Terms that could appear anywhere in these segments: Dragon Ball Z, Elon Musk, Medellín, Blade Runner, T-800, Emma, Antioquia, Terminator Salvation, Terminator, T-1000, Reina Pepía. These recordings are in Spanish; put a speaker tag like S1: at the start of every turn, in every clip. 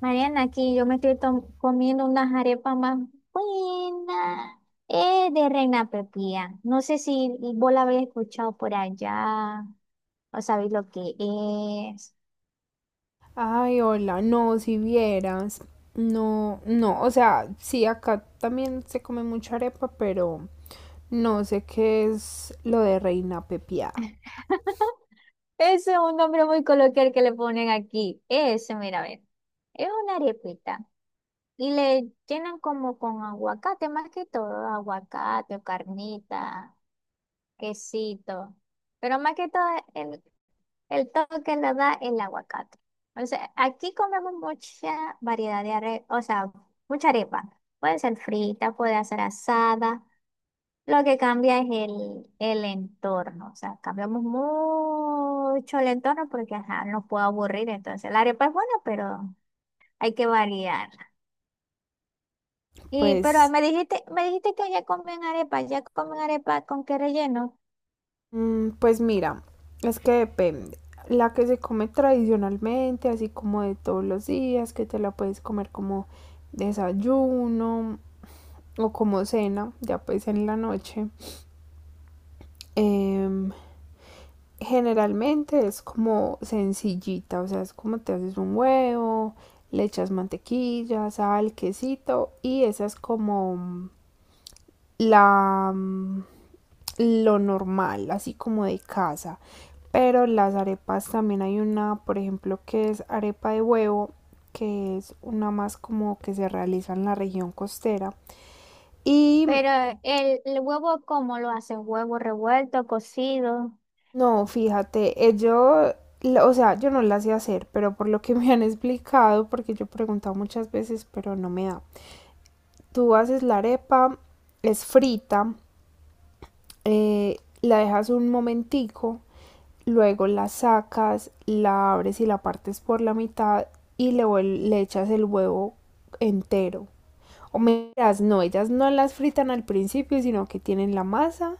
S1: Mariana, aquí yo me estoy comiendo unas arepas más buenas. De Reina Pepía. No sé si vos la habéis escuchado por allá o sabéis lo que es.
S2: Ay, hola, no, si vieras, no, no, o sea, sí, acá también se come mucha arepa, pero no sé qué es lo de reina pepiada.
S1: Ese es un nombre muy coloquial que le ponen aquí. Ese, mira, a ver. Es una arepita. Y le llenan como con aguacate, más que todo, aguacate o carnita. Quesito. Pero más que todo, el, el toque lo da el aguacate. O sea, aquí comemos mucha variedad de arepa, o sea, mucha arepa. Puede ser frita, puede ser asada. Lo que cambia es el entorno. O sea, cambiamos mucho el entorno porque ajá, nos puede aburrir. Entonces, la arepa es buena, pero hay que variar. Y,
S2: Pues,
S1: pero me dijiste que ya comen arepa con qué relleno.
S2: pues mira, es que depende. La que se come tradicionalmente, así como de todos los días, que te la puedes comer como desayuno o como cena, ya pues en la noche. Em, generalmente es como sencillita, o sea, es como te haces un huevo, le echas mantequilla, sal, quesito y esa es como la lo normal, así como de casa. Pero las arepas también hay una, por ejemplo, que es arepa de huevo, que es una más como que se realiza en la región costera. Y
S1: Pero el huevo, ¿cómo lo hacen? ¿Huevo revuelto, cocido?
S2: no, fíjate, yo, o sea, yo no la sé hacer, pero por lo que me han explicado, porque yo he preguntado muchas veces, pero no me da. Tú haces la arepa, es frita, la dejas un momentico, luego la sacas, la abres y la partes por la mitad y le, le echas el huevo entero. O las no, ellas no las fritan al principio, sino que tienen la masa,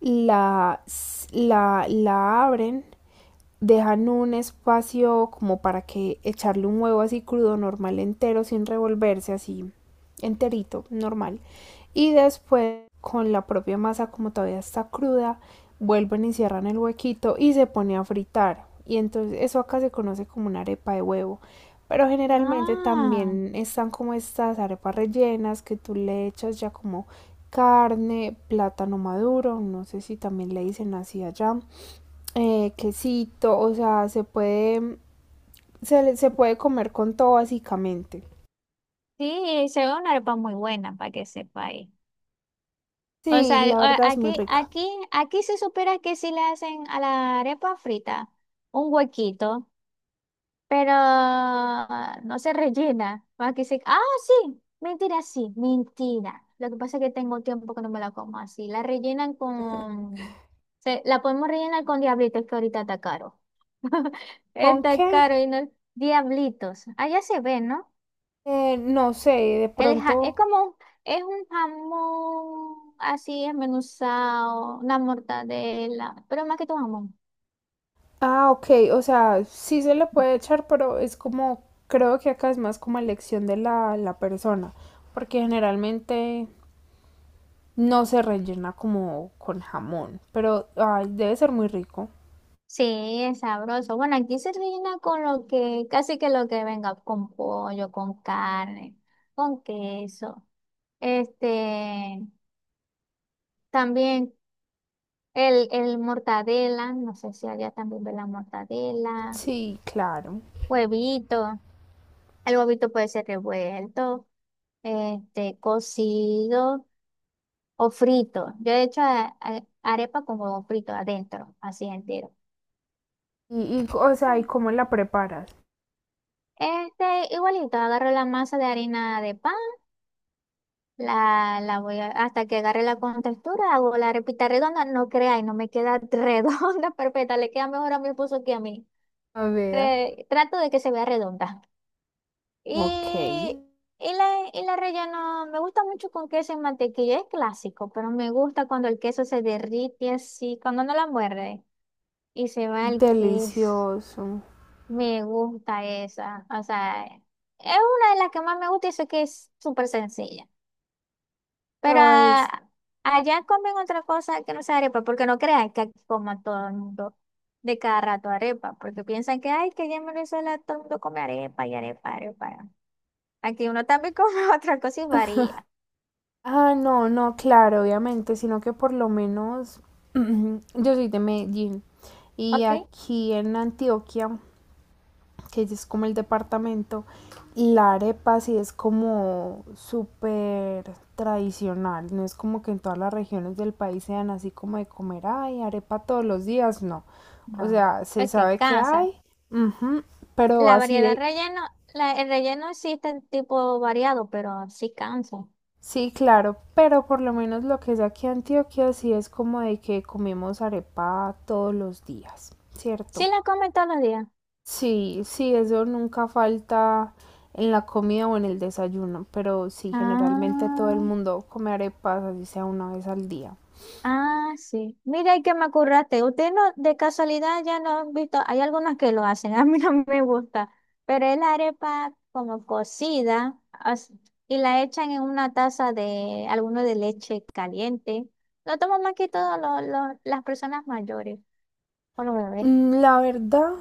S2: la, la, la abren, dejan un espacio como para que echarle un huevo así crudo, normal, entero, sin revolverse, así enterito, normal. Y después con la propia masa, como todavía está cruda, vuelven y cierran el huequito y se pone a fritar. Y entonces eso acá se conoce como una arepa de huevo. Pero generalmente
S1: Ah,
S2: también están como estas arepas rellenas que tú le echas ya como carne, plátano maduro, no sé si también le dicen así allá, quesito, o sea, se puede, se, se puede comer con todo básicamente.
S1: sí, se ve una arepa muy buena para que sepa ahí. O
S2: Sí,
S1: sea,
S2: la verdad es muy
S1: aquí,
S2: rica.
S1: aquí se supera que sí le hacen a la arepa frita un huequito, pero no se rellena. Aquí se... Ah, sí, mentira, sí, mentira. Lo que pasa es que tengo tiempo que no me la como así. La rellenan con... la podemos rellenar con diablitos que ahorita está caro
S2: ¿Con
S1: Está
S2: qué?
S1: caro y no. Diablitos. Allá se ve, ¿no?
S2: No sé, de
S1: El es
S2: pronto.
S1: como es un jamón así esmenuzado, una mortadela, pero más que tu jamón.
S2: Ah, ok, o sea, sí se le puede echar, pero es como, creo que acá es más como elección de la persona, porque generalmente no se rellena como con jamón, pero ay, debe ser muy rico.
S1: Sí, es sabroso. Bueno, aquí se rellena con lo que, casi que lo que venga, con pollo, con carne, con queso. Este, también el mortadela, no sé si allá también ve la mortadela,
S2: Sí, claro.
S1: huevito. El huevito puede ser revuelto. Este, cocido o frito. Yo he hecho arepa con huevo frito adentro, así entero.
S2: Y, o sea, ¿y cómo la preparas?
S1: Este, igualito, agarro la masa de harina de pan, la voy hasta que agarre la contextura, hago la arepita redonda, no creáis, no me queda redonda perfecta, le queda mejor a mi esposo que a mí.
S2: A ver.
S1: Trato de que se vea redonda.
S2: Ok.
S1: Y, y la relleno, me gusta mucho con queso y mantequilla, es clásico, pero me gusta cuando el queso se derrite así, cuando no la muerde y se va el queso.
S2: Delicioso.
S1: Me gusta esa, o sea, es una de las que más me gusta y sé que es súper sencilla. Pero
S2: Pero es...
S1: ah, allá comen otra cosa que no sea arepa, porque no crean que aquí coma todo el mundo de cada rato arepa, porque piensan que, ay, que allá en Venezuela todo el mundo come arepa y arepa, arepa. Aquí uno también come otra cosa y varía,
S2: Ah, no, no, claro, obviamente, sino que por lo menos yo soy de Medellín y
S1: ¿ok?
S2: aquí en Antioquia, que es como el departamento, la arepa sí es como súper tradicional, no es como que en todas las regiones del país sean así como de comer, ay, arepa todos los días, no. O
S1: No.
S2: sea, se
S1: Ok,
S2: sabe que
S1: cansa.
S2: hay, ujú, pero
S1: La
S2: así
S1: variedad
S2: de
S1: relleno, el relleno existe en tipo variado, pero sí cansa.
S2: sí, claro, pero por lo menos lo que es aquí Antioquia sí es como de que comemos arepa todos los días,
S1: Sí
S2: ¿cierto?
S1: la comen todos los días.
S2: Sí, sí, eso nunca falta en la comida o en el desayuno, pero sí, generalmente todo el
S1: Ah.
S2: mundo come arepas, así sea una vez al día.
S1: Ah, sí. Mira, y que me acurraste. Usted no, de casualidad ya no han visto, hay algunas que lo hacen, a mí no me gusta, pero es la arepa como cocida y la echan en una taza de alguno de leche caliente. Lo toman más que todo las personas mayores o los bebés.
S2: Mm, la verdad,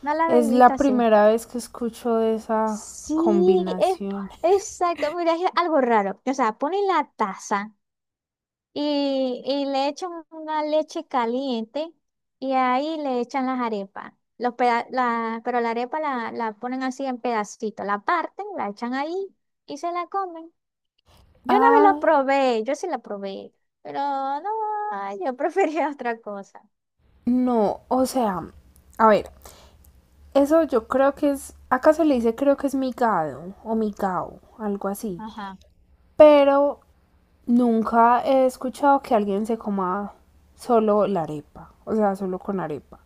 S1: No la
S2: es
S1: habéis visto
S2: la
S1: así.
S2: primera vez que escucho de esa
S1: Sí, es
S2: combinación.
S1: exacto. Mira, es algo raro. O sea, ponen la taza. Y le echan una leche caliente y ahí le echan las arepas. Pero la arepa la ponen así en pedacitos, la parten, la echan ahí y se la comen. Yo una vez la
S2: Ah,
S1: probé, yo sí la probé, pero no, ay, yo prefería otra cosa.
S2: no, o sea, a ver. Eso yo creo que es, acá se le dice creo que es migado o migao, algo así.
S1: Ajá.
S2: Pero nunca he escuchado que alguien se coma solo la arepa, o sea, solo con arepa.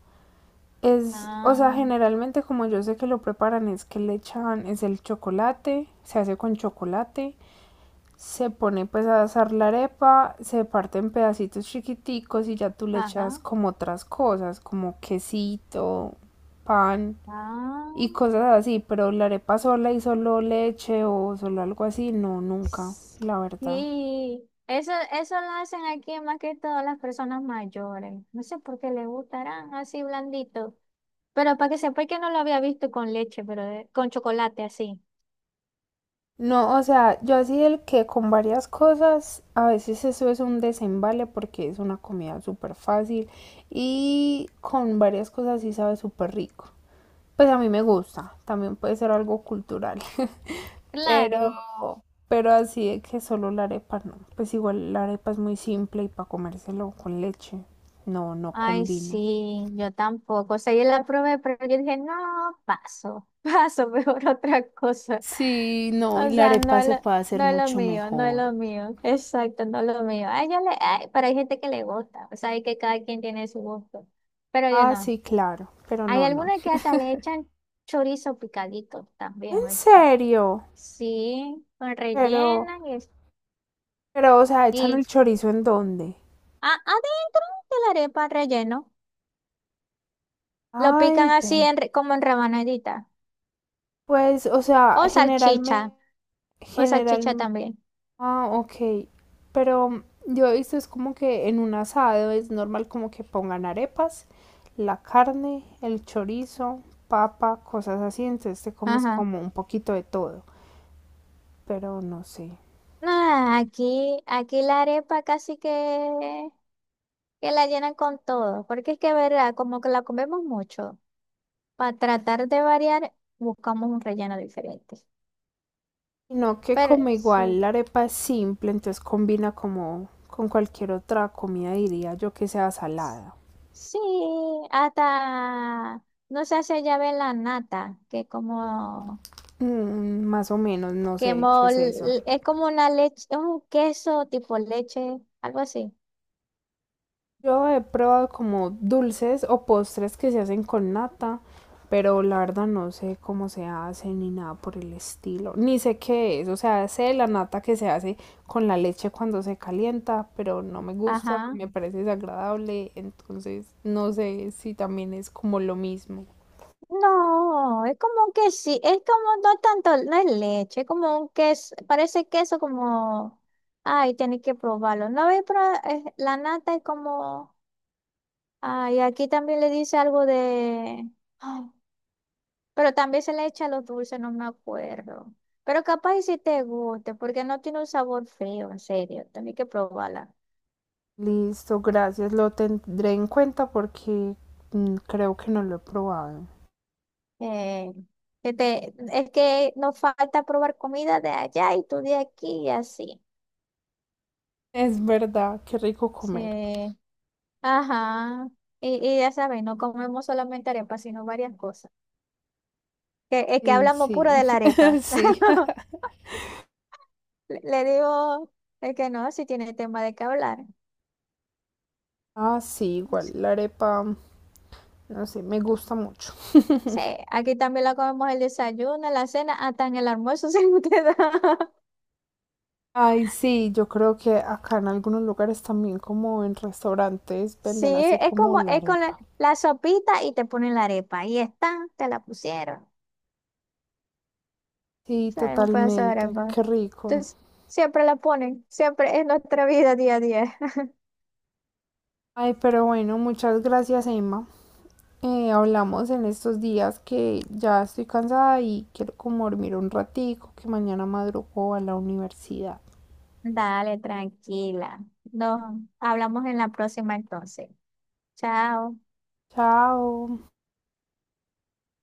S2: Es, o
S1: Ah,
S2: sea, generalmente como yo sé que lo preparan es que le echan, es el chocolate, se hace con chocolate, se pone pues a asar la arepa, se parte en pedacitos chiquiticos y ya tú le echas
S1: ajá.
S2: como otras cosas, como quesito, pan,
S1: Ah.
S2: y cosas así, pero la arepa sola y solo leche o solo algo así, no, nunca, la verdad.
S1: Sí, eso lo hacen aquí más que todas las personas mayores. No sé por qué les gustarán así blandito. Pero para que sepa que no lo había visto con leche, pero con chocolate así.
S2: No, o sea, yo así el que con varias cosas, a veces eso es un desembale porque es una comida súper fácil y con varias cosas sí sabe súper rico. Pues a mí me gusta, también puede ser algo cultural,
S1: Claro.
S2: pero, pero así de que solo la arepa no. Pues igual la arepa es muy simple y para comérselo con leche, no, no
S1: Ay,
S2: combino.
S1: sí, yo tampoco. O sea, yo la probé, pero yo dije, no, paso, paso, mejor otra cosa.
S2: Sí, no, y
S1: O
S2: la
S1: sea,
S2: arepa se puede hacer
S1: no es lo
S2: mucho
S1: mío, no es
S2: mejor.
S1: lo mío. Exacto, no es lo mío. Ay, yo le, ay, pero hay gente que le gusta. O sea, hay que cada quien tiene su gusto. Pero yo
S2: Ah,
S1: no.
S2: sí, claro, pero
S1: Hay
S2: no, no.
S1: algunas que hasta le echan chorizo picadito también,
S2: ¿En
S1: ¿oíste?
S2: serio?
S1: Sí, con
S2: Pero,
S1: rellena
S2: pero, o sea, ¿echan el
S1: y,
S2: chorizo en dónde?
S1: Adentro de la arepa relleno. Lo
S2: Ay,
S1: pican así
S2: ve.
S1: en como en rabanadita.
S2: Pues, o sea,
S1: O
S2: general,
S1: salchicha. O salchicha
S2: general,
S1: también.
S2: ah, ok. Pero yo he visto es como que en un asado es normal como que pongan arepas, la carne, el chorizo, papa, cosas así, entonces te comes
S1: Ajá.
S2: como un poquito de todo, pero no sé.
S1: Ah, aquí la arepa casi que la llenan con todo. Porque es que, verdad, como que la comemos mucho. Para tratar de variar, buscamos un relleno diferente.
S2: Sino que como
S1: Pero
S2: igual
S1: sí.
S2: la arepa es simple, entonces combina como con cualquier otra comida, diría yo que sea salada.
S1: Sí, hasta no se hace llave la nata, que como
S2: Mm, más o menos, no
S1: que
S2: sé qué es eso.
S1: es como una leche, es un queso tipo leche, algo así.
S2: Yo he probado como dulces o postres que se hacen con nata, pero la verdad no sé cómo se hace ni nada por el estilo. Ni sé qué es, o sea, sé la nata que se hace con la leche cuando se calienta, pero no me gusta,
S1: Ajá.
S2: me parece desagradable, entonces no sé si también es como lo mismo.
S1: No, es como que sí, es como no tanto, no es leche, es como un queso, parece queso como, ay, tenés que probarlo. No habéis probado, la nata es como, ay, aquí también le dice algo de, ay, pero también se le echa los dulces, no me acuerdo. Pero capaz y si te guste, porque no tiene un sabor feo, en serio, tenés que probarla.
S2: Listo, gracias. Lo tendré en cuenta porque creo que no lo he probado.
S1: Eh, este, es que nos falta probar comida de allá y tú de aquí y así.
S2: Es verdad, qué rico comer.
S1: Sí, ajá. Y ya sabes, no comemos solamente arepa, sino varias cosas. Que, es que
S2: Sí,
S1: hablamos
S2: sí,
S1: puro de la arepa.
S2: sí.
S1: Le digo, es que no, si tiene tema de qué hablar.
S2: Ah, sí, igual la arepa, no sé, me gusta mucho.
S1: Sí, aquí también la comemos el desayuno, la cena, hasta en el almuerzo se nos queda.
S2: Ay, sí, yo creo que acá en algunos lugares también, como en restaurantes,
S1: Sí,
S2: venden así
S1: es
S2: como
S1: como,
S2: la
S1: es con
S2: arepa.
S1: la sopita y te ponen la arepa. Ahí está, te la pusieron.
S2: Sí,
S1: Sí, un pedazo de
S2: totalmente,
S1: arepa.
S2: qué rico.
S1: Entonces, siempre la ponen, siempre es nuestra vida día a día.
S2: Ay, pero bueno, muchas gracias, Emma. Eh, hablamos en estos días que ya estoy cansada y quiero como dormir un ratico, que mañana madrugo a la universidad.
S1: Dale, tranquila. Nos hablamos en la próxima entonces. Chao.
S2: Chao.